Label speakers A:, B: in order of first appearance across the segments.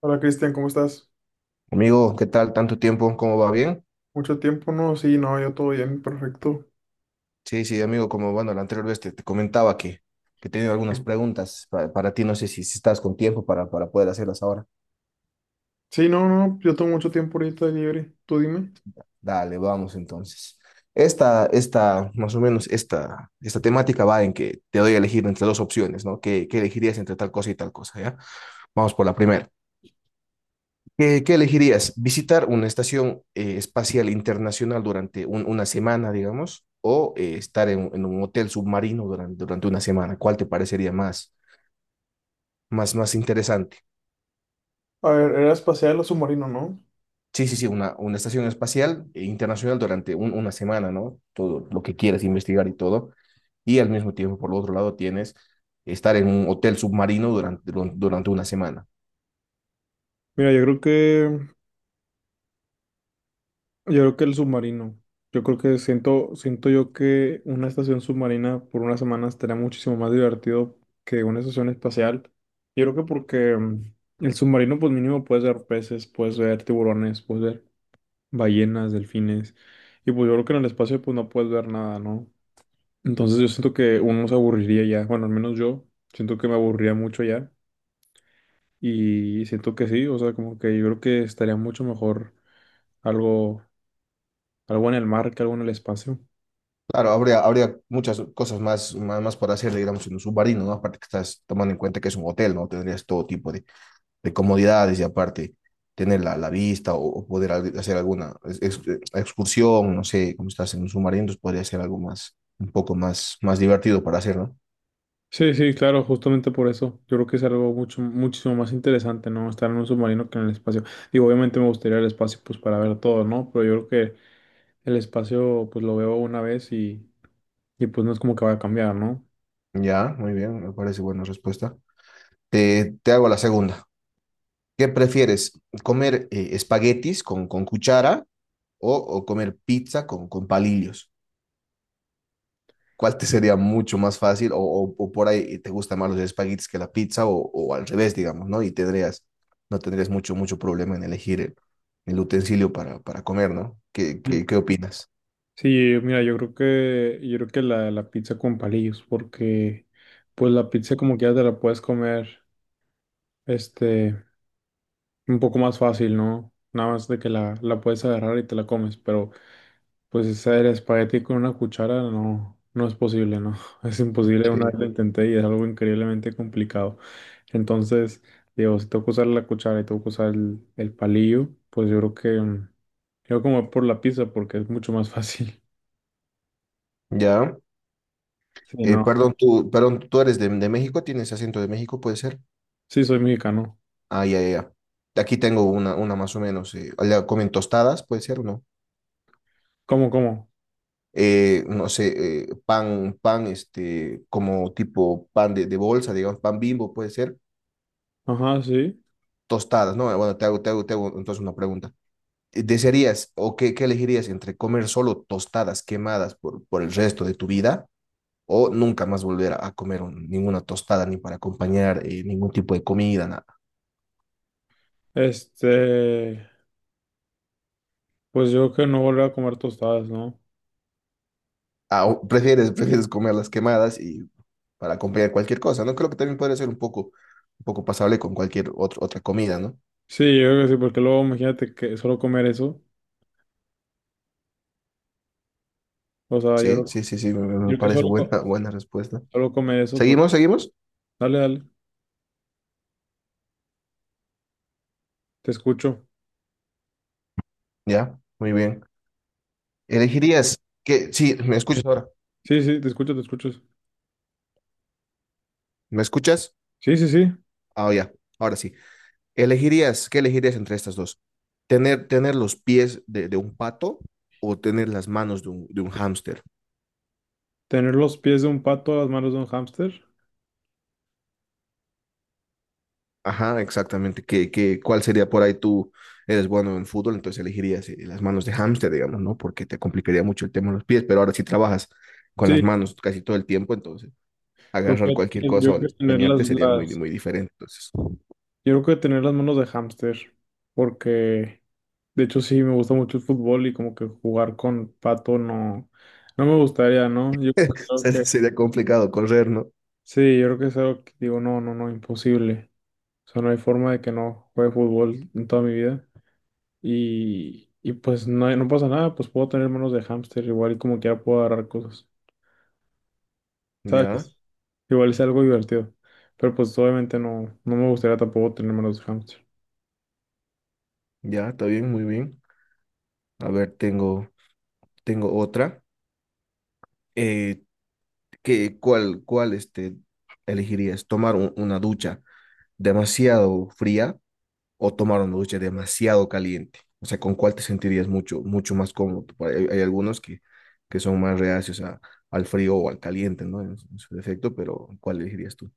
A: Hola, Cristian, ¿cómo estás?
B: Amigo, ¿qué tal? ¿Tanto tiempo? ¿Cómo va? ¿Bien?
A: ¿Mucho tiempo? No, sí, no, yo todo bien, perfecto.
B: Sí, sí, amigo, como bueno, la anterior vez te comentaba que tenía algunas preguntas para, ti, no sé si estás con tiempo para poder hacerlas ahora.
A: Sí, no, no, yo tengo mucho tiempo ahorita libre. Tú dime.
B: Dale, vamos entonces. Esta, más o menos, esta temática va en que te doy a elegir entre dos opciones, ¿no? ¿Qué elegirías entre tal cosa y tal cosa, ya? Vamos por la primera. ¿Qué elegirías? ¿Visitar una estación espacial internacional durante una semana, digamos, o estar en un hotel submarino durante una semana? ¿Cuál te parecería más interesante?
A: A ver, ¿era espacial o submarino, no?
B: Sí, sí, sí, una estación espacial internacional durante una semana, ¿no? Todo lo que quieres investigar y todo. Y al mismo tiempo, por el otro lado, tienes estar en un hotel submarino durante una semana.
A: Mira, yo creo que el submarino. Yo creo que... siento yo que una estación submarina por unas semanas estaría muchísimo más divertido que una estación espacial. Yo creo que porque el submarino, pues mínimo puedes ver peces, puedes ver tiburones, puedes ver ballenas, delfines. Y pues yo creo que en el espacio pues no puedes ver nada, ¿no? Entonces yo siento que uno se aburriría ya, bueno, al menos yo siento que me aburría mucho ya, y siento que sí, o sea, como que yo creo que estaría mucho mejor algo, algo en el mar que algo en el espacio.
B: Claro, habría muchas cosas más por hacer, digamos, en un submarino, ¿no? Aparte que estás tomando en cuenta que es un hotel, ¿no? Tendrías todo tipo de comodidades y aparte tener la vista o poder hacer alguna excursión, no sé, como estás en un submarino, entonces podría ser algo más, un poco más divertido para hacer, ¿no?
A: Sí, sí, claro, justamente por eso. Yo creo que es algo mucho, muchísimo más interesante, ¿no? Estar en un submarino que en el espacio. Digo, obviamente me gustaría el espacio, pues, para ver todo, ¿no? Pero yo creo que el espacio, pues, lo veo una vez y pues no es como que vaya a cambiar, ¿no?
B: Ya, muy bien, me parece buena respuesta. Te hago la segunda. ¿Qué prefieres, comer espaguetis con cuchara o comer pizza con palillos? ¿Cuál te sería mucho más fácil o por ahí te gustan más los espaguetis que la pizza o al revés, digamos, ¿no? Y no tendrías mucho problema en elegir el utensilio para comer, ¿no? ¿Qué opinas?
A: Sí, mira, yo creo que la pizza con palillos, porque pues la pizza como que ya te la puedes comer, este, un poco más fácil, ¿no? Nada más de que la puedes agarrar y te la comes, pero pues hacer espagueti con una cuchara no, no es posible, ¿no? Es imposible, una
B: Sí.
A: vez lo intenté y es algo increíblemente complicado. Entonces, digo, si tengo que usar la cuchara y tengo que usar el palillo, pues yo creo que yo como por la pizza porque es mucho más fácil.
B: Ya.
A: Sí,
B: Eh,
A: no,
B: perdón, tú eres de México, tienes acento de México, puede ser.
A: sí soy mexicano.
B: Ah, ya, ya. Ya. Aquí tengo una más o menos. Allá comen tostadas, puede ser o no.
A: ¿Cómo, cómo?
B: No sé, pan, este, como tipo pan de bolsa, digamos, pan Bimbo, puede ser
A: Ajá, sí.
B: tostadas, ¿no? Bueno, te hago entonces una pregunta. ¿Qué elegirías entre comer solo tostadas quemadas por el resto de tu vida o nunca más volver a comer ninguna tostada ni para acompañar ningún tipo de comida, nada?
A: Este, pues yo creo que no volver a comer tostadas, ¿no?
B: Ah, o prefieres, prefieres comer las quemadas y para acompañar cualquier cosa, ¿no? Creo que también podría ser un poco pasable con cualquier otra comida, ¿no?
A: Sí, yo creo que sí, porque luego imagínate que solo comer eso, o sea,
B: Sí,
A: creo...
B: sí, sí, sí, me
A: yo creo que
B: parece
A: solo,
B: buena,
A: co-
B: buena respuesta.
A: solo comer eso, pues...
B: ¿Seguimos, seguimos?
A: Dale, dale, te escucho.
B: Ya, muy bien. ¿Elegirías que, sí, me escuchas ahora?
A: Sí, sí, te escucho, te escucho.
B: ¿Me escuchas?
A: Sí, sí, sí.
B: Ah, ya, ahora sí. ¿Qué elegirías entre estas dos? ¿Tener los pies de un pato o tener las manos de un hámster?
A: Tener los pies de un pato, las manos de un hámster.
B: Ajá, exactamente. ¿Cuál sería por ahí tú eres bueno en fútbol? Entonces elegirías las manos de hámster, digamos, ¿no? Porque te complicaría mucho el tema de los pies, pero ahora sí trabajas con las
A: Sí,
B: manos casi todo el tiempo, entonces
A: pues
B: agarrar cualquier
A: yo
B: cosa o
A: creo que tener
B: desempeñarte sería muy, muy diferente. Entonces,
A: yo creo que tener las manos de hámster, porque... De hecho, sí, me gusta mucho el fútbol y como que jugar con pato no, no me gustaría, ¿no? Yo creo que,
B: sería complicado correr, ¿no?
A: sí, yo creo que es algo que digo, no, no, no, imposible. O sea, no hay forma de que no juegue fútbol en toda mi vida. Y pues no, hay- no pasa nada, pues puedo tener manos de hámster, igual y como quiera puedo agarrar cosas,
B: Ya,
A: ¿sabes? Igual es algo divertido. Pero pues obviamente no, no me gustaría tampoco tener manos de hámster.
B: ya, está bien, muy bien. A ver, tengo otra. Eh, cuál elegirías? ¿Tomar una ducha demasiado fría o tomar una ducha demasiado caliente? O sea, ¿con cuál te sentirías mucho más cómodo? Por ahí hay algunos que son más reacios al frío o al caliente, ¿no? En su defecto, pero ¿cuál elegirías tú?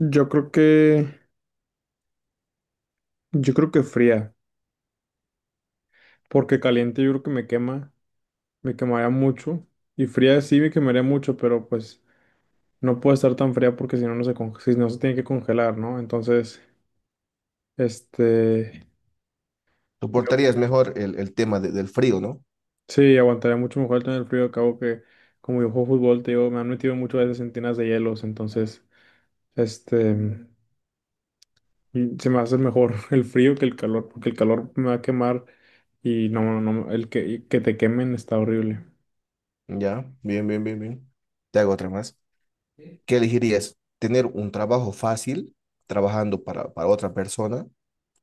A: Yo creo que, yo creo que fría, porque caliente yo creo que me quema, me quemaría mucho. Y fría sí me quemaría mucho, pero pues no puede estar tan fría porque si no, no se conge- si no se tiene que congelar, ¿no? Entonces, este, yo-
B: Soportarías mejor el tema del frío, ¿no?
A: sí, aguantaría mucho mejor el tener frío. Acabo que, como yo juego fútbol, te digo, me han metido muchas veces en tinas de hielos, entonces, este, y se me hace mejor el frío que el calor, porque el calor me va a quemar y no, no, no, el que, y que te quemen está horrible.
B: Ya, bien, bien, bien, bien. Te hago otra más. ¿Qué elegirías? ¿Tener un trabajo fácil trabajando para otra persona?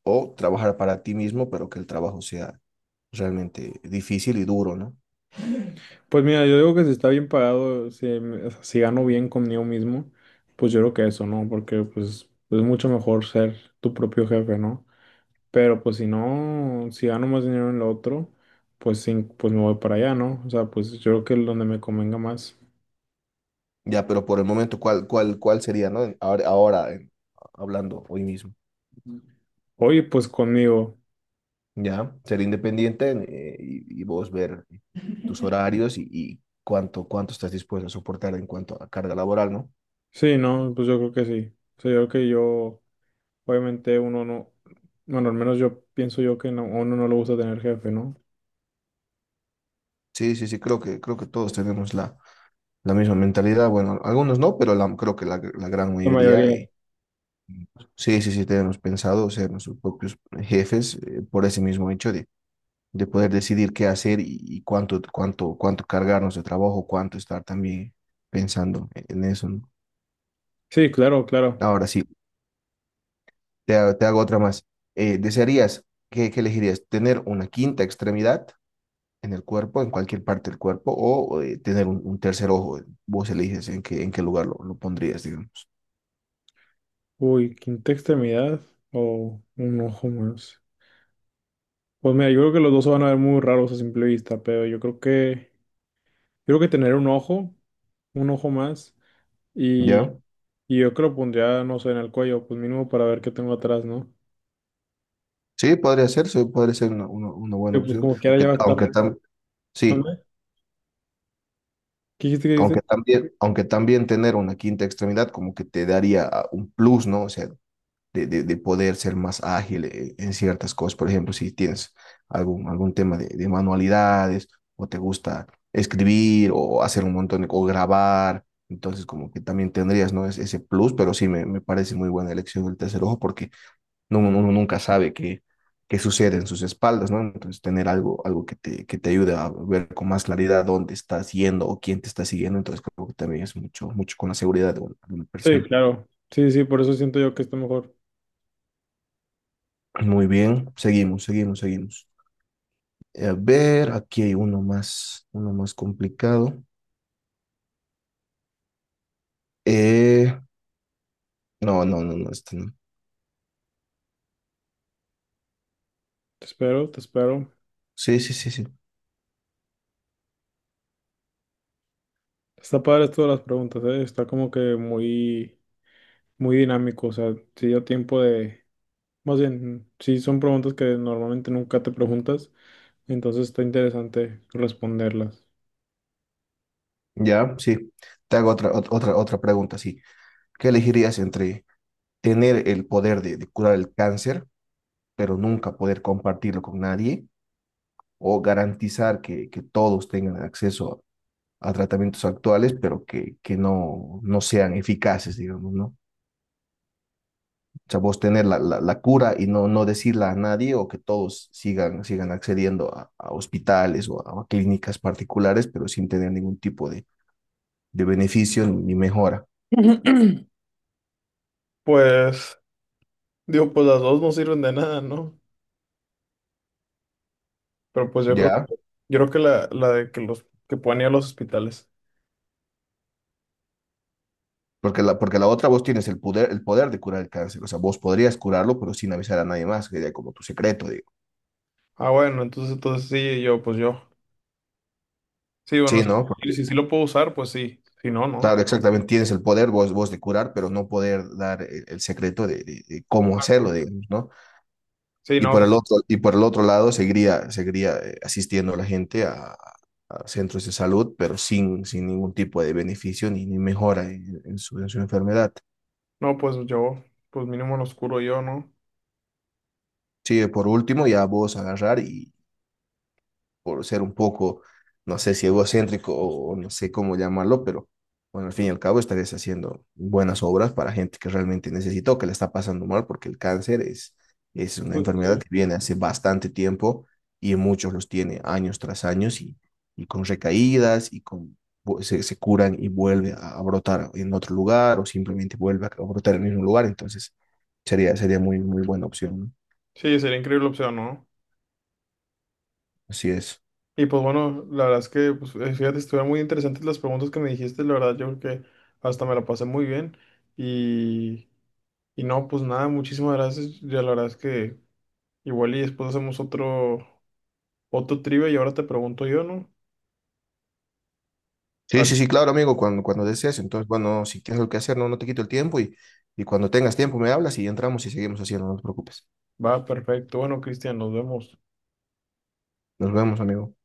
B: O trabajar para ti mismo, pero que el trabajo sea realmente difícil y duro, ¿no?
A: Pues mira, yo digo que si está bien pagado, si, me- o sea, si gano bien conmigo mismo, pues yo creo que eso, ¿no? Porque pues es mucho mejor ser tu propio jefe, ¿no? Pero pues si no, si gano más dinero en lo otro, pues sí, pues me voy para allá, ¿no? O sea, pues yo creo que es donde me convenga más.
B: Ya, pero por el momento, ¿cuál sería? ¿No? Ahora hablando hoy mismo,
A: Oye, pues conmigo.
B: ¿ya? Ser independiente y vos ver tus horarios y cuánto estás dispuesto a soportar en cuanto a carga laboral, ¿no?
A: Sí, no, pues yo creo que sí. O sea, yo creo que yo, obviamente uno no, bueno, al menos yo pienso yo que no, a uno no le gusta tener jefe, ¿no?
B: Sí, sí, sí, creo que todos tenemos la misma mentalidad. Bueno, algunos no, pero creo que la gran
A: La
B: mayoría.
A: mayoría.
B: Sí, sí, sí, tenemos pensado ser nuestros propios jefes por ese mismo hecho de poder decidir qué hacer y cuánto cargarnos de trabajo, cuánto estar también pensando en eso, ¿no?
A: Sí, claro, claro.
B: Ahora sí, te hago otra más. Eh, ¿desearías, qué elegirías? ¿Tener una quinta extremidad en el cuerpo, en cualquier parte del cuerpo, o tener un tercer ojo? Vos eliges en qué lugar lo pondrías, digamos.
A: Uy, quinta extremidad o un ojo más. Pues mira, yo creo que los dos se van a ver muy raros a simple vista, pero yo creo que tener un ojo más, y,
B: ¿Ya?
A: y yo que lo pondría, no sé, en el cuello, pues mínimo para ver qué tengo atrás, ¿no?
B: Sí, podría ser una buena
A: Pero pues
B: opción,
A: como quiera
B: aunque,
A: ya va a estar.
B: aunque sí.
A: ¿Mande? ¿Qué dijiste? ¿Qué
B: Aunque
A: dijiste?
B: también, aunque también tener una quinta extremidad como que te daría un plus, ¿no? O sea, de poder ser más ágil en ciertas cosas. Por ejemplo, si tienes algún tema de manualidades o te gusta escribir o hacer un montón o grabar, entonces como que también tendrías, ¿no? Ese plus, pero sí me parece muy buena elección del tercer ojo porque no, uno nunca sabe qué sucede en sus espaldas, ¿no? Entonces tener algo que te ayude a ver con más claridad dónde estás yendo o quién te está siguiendo, entonces creo que también es mucho con la seguridad de una
A: Sí,
B: persona.
A: claro. Sí, sí, por eso siento yo que está mejor.
B: Muy bien, seguimos, seguimos, seguimos. A ver, aquí hay uno más complicado. Eh, no, no, no, no, este no.
A: Te espero, te espero.
B: Sí, sí, sí, sí.
A: Está padre esto de las preguntas, ¿eh? Está como que muy, muy dinámico, o sea, te dio tiempo de... Más bien, sí, son preguntas que normalmente nunca te preguntas, entonces está interesante responderlas.
B: Ya, sí. Te hago otra pregunta, sí. ¿Qué elegirías entre tener el poder de curar el cáncer, pero nunca poder compartirlo con nadie, o garantizar que todos tengan acceso a tratamientos actuales, pero que no sean eficaces, digamos, ¿no? O sea, vos tener la cura y no decirla a nadie o que todos sigan accediendo a hospitales o a clínicas particulares, pero sin tener ningún tipo de beneficio ni mejora,
A: Pues, digo, pues las dos no sirven de nada, ¿no? Pero pues
B: ¿ya?
A: yo creo que la de que los que puedan ir a los hospitales.
B: Porque la otra vos tienes el poder de curar el cáncer, o sea, vos podrías curarlo, pero sin avisar a nadie más, que sería como tu secreto, digo.
A: Ah, bueno, entonces, entonces sí, yo, pues yo. Sí, bueno,
B: Sí,
A: sí,
B: ¿no?
A: si,
B: Porque,
A: si, sí lo puedo usar, pues sí. Si no, no.
B: claro, exactamente, tienes el poder vos de curar, pero no poder dar el secreto de cómo
A: Ah, pues,
B: hacerlo, digamos, ¿no?
A: sí,
B: Y
A: no,
B: por el otro, y por el otro lado, seguiría asistiendo a la gente a centros de salud, pero sin ningún tipo de beneficio ni mejora en su enfermedad.
A: no, pues yo, pues mínimo los curo yo, ¿no?
B: Sí, por último, ya vos agarrar y, por ser un poco, no sé si egocéntrico o no sé cómo llamarlo, pero bueno, al fin y al cabo estarías haciendo buenas obras para gente que realmente necesita o que le está pasando mal, porque el cáncer es una
A: Pues,
B: enfermedad
A: sí.
B: que viene hace bastante tiempo y muchos los tiene años tras años y con recaídas y con se curan y vuelve a brotar en otro lugar o simplemente vuelve a brotar en el mismo lugar, entonces sería muy, muy buena opción, ¿no?
A: Sí, sería increíble opción, ¿no?
B: Así es.
A: Y pues bueno, la verdad es que, pues, fíjate, estuvieron muy interesantes las preguntas que me dijiste, la verdad yo creo que hasta me la pasé muy bien. Y, y no, pues nada, muchísimas gracias. Ya la verdad es que igual y después hacemos otro, otro trivia y ahora te pregunto yo, ¿no?
B: Sí,
A: Ah,
B: sí, sí, claro, amigo, cuando desees. Entonces, bueno, si tienes algo que hacer, no te quito el tiempo y cuando tengas tiempo me hablas y entramos y seguimos haciendo, no te preocupes.
A: va, perfecto. Bueno, Cristian, nos vemos.
B: Nos vemos, amigo.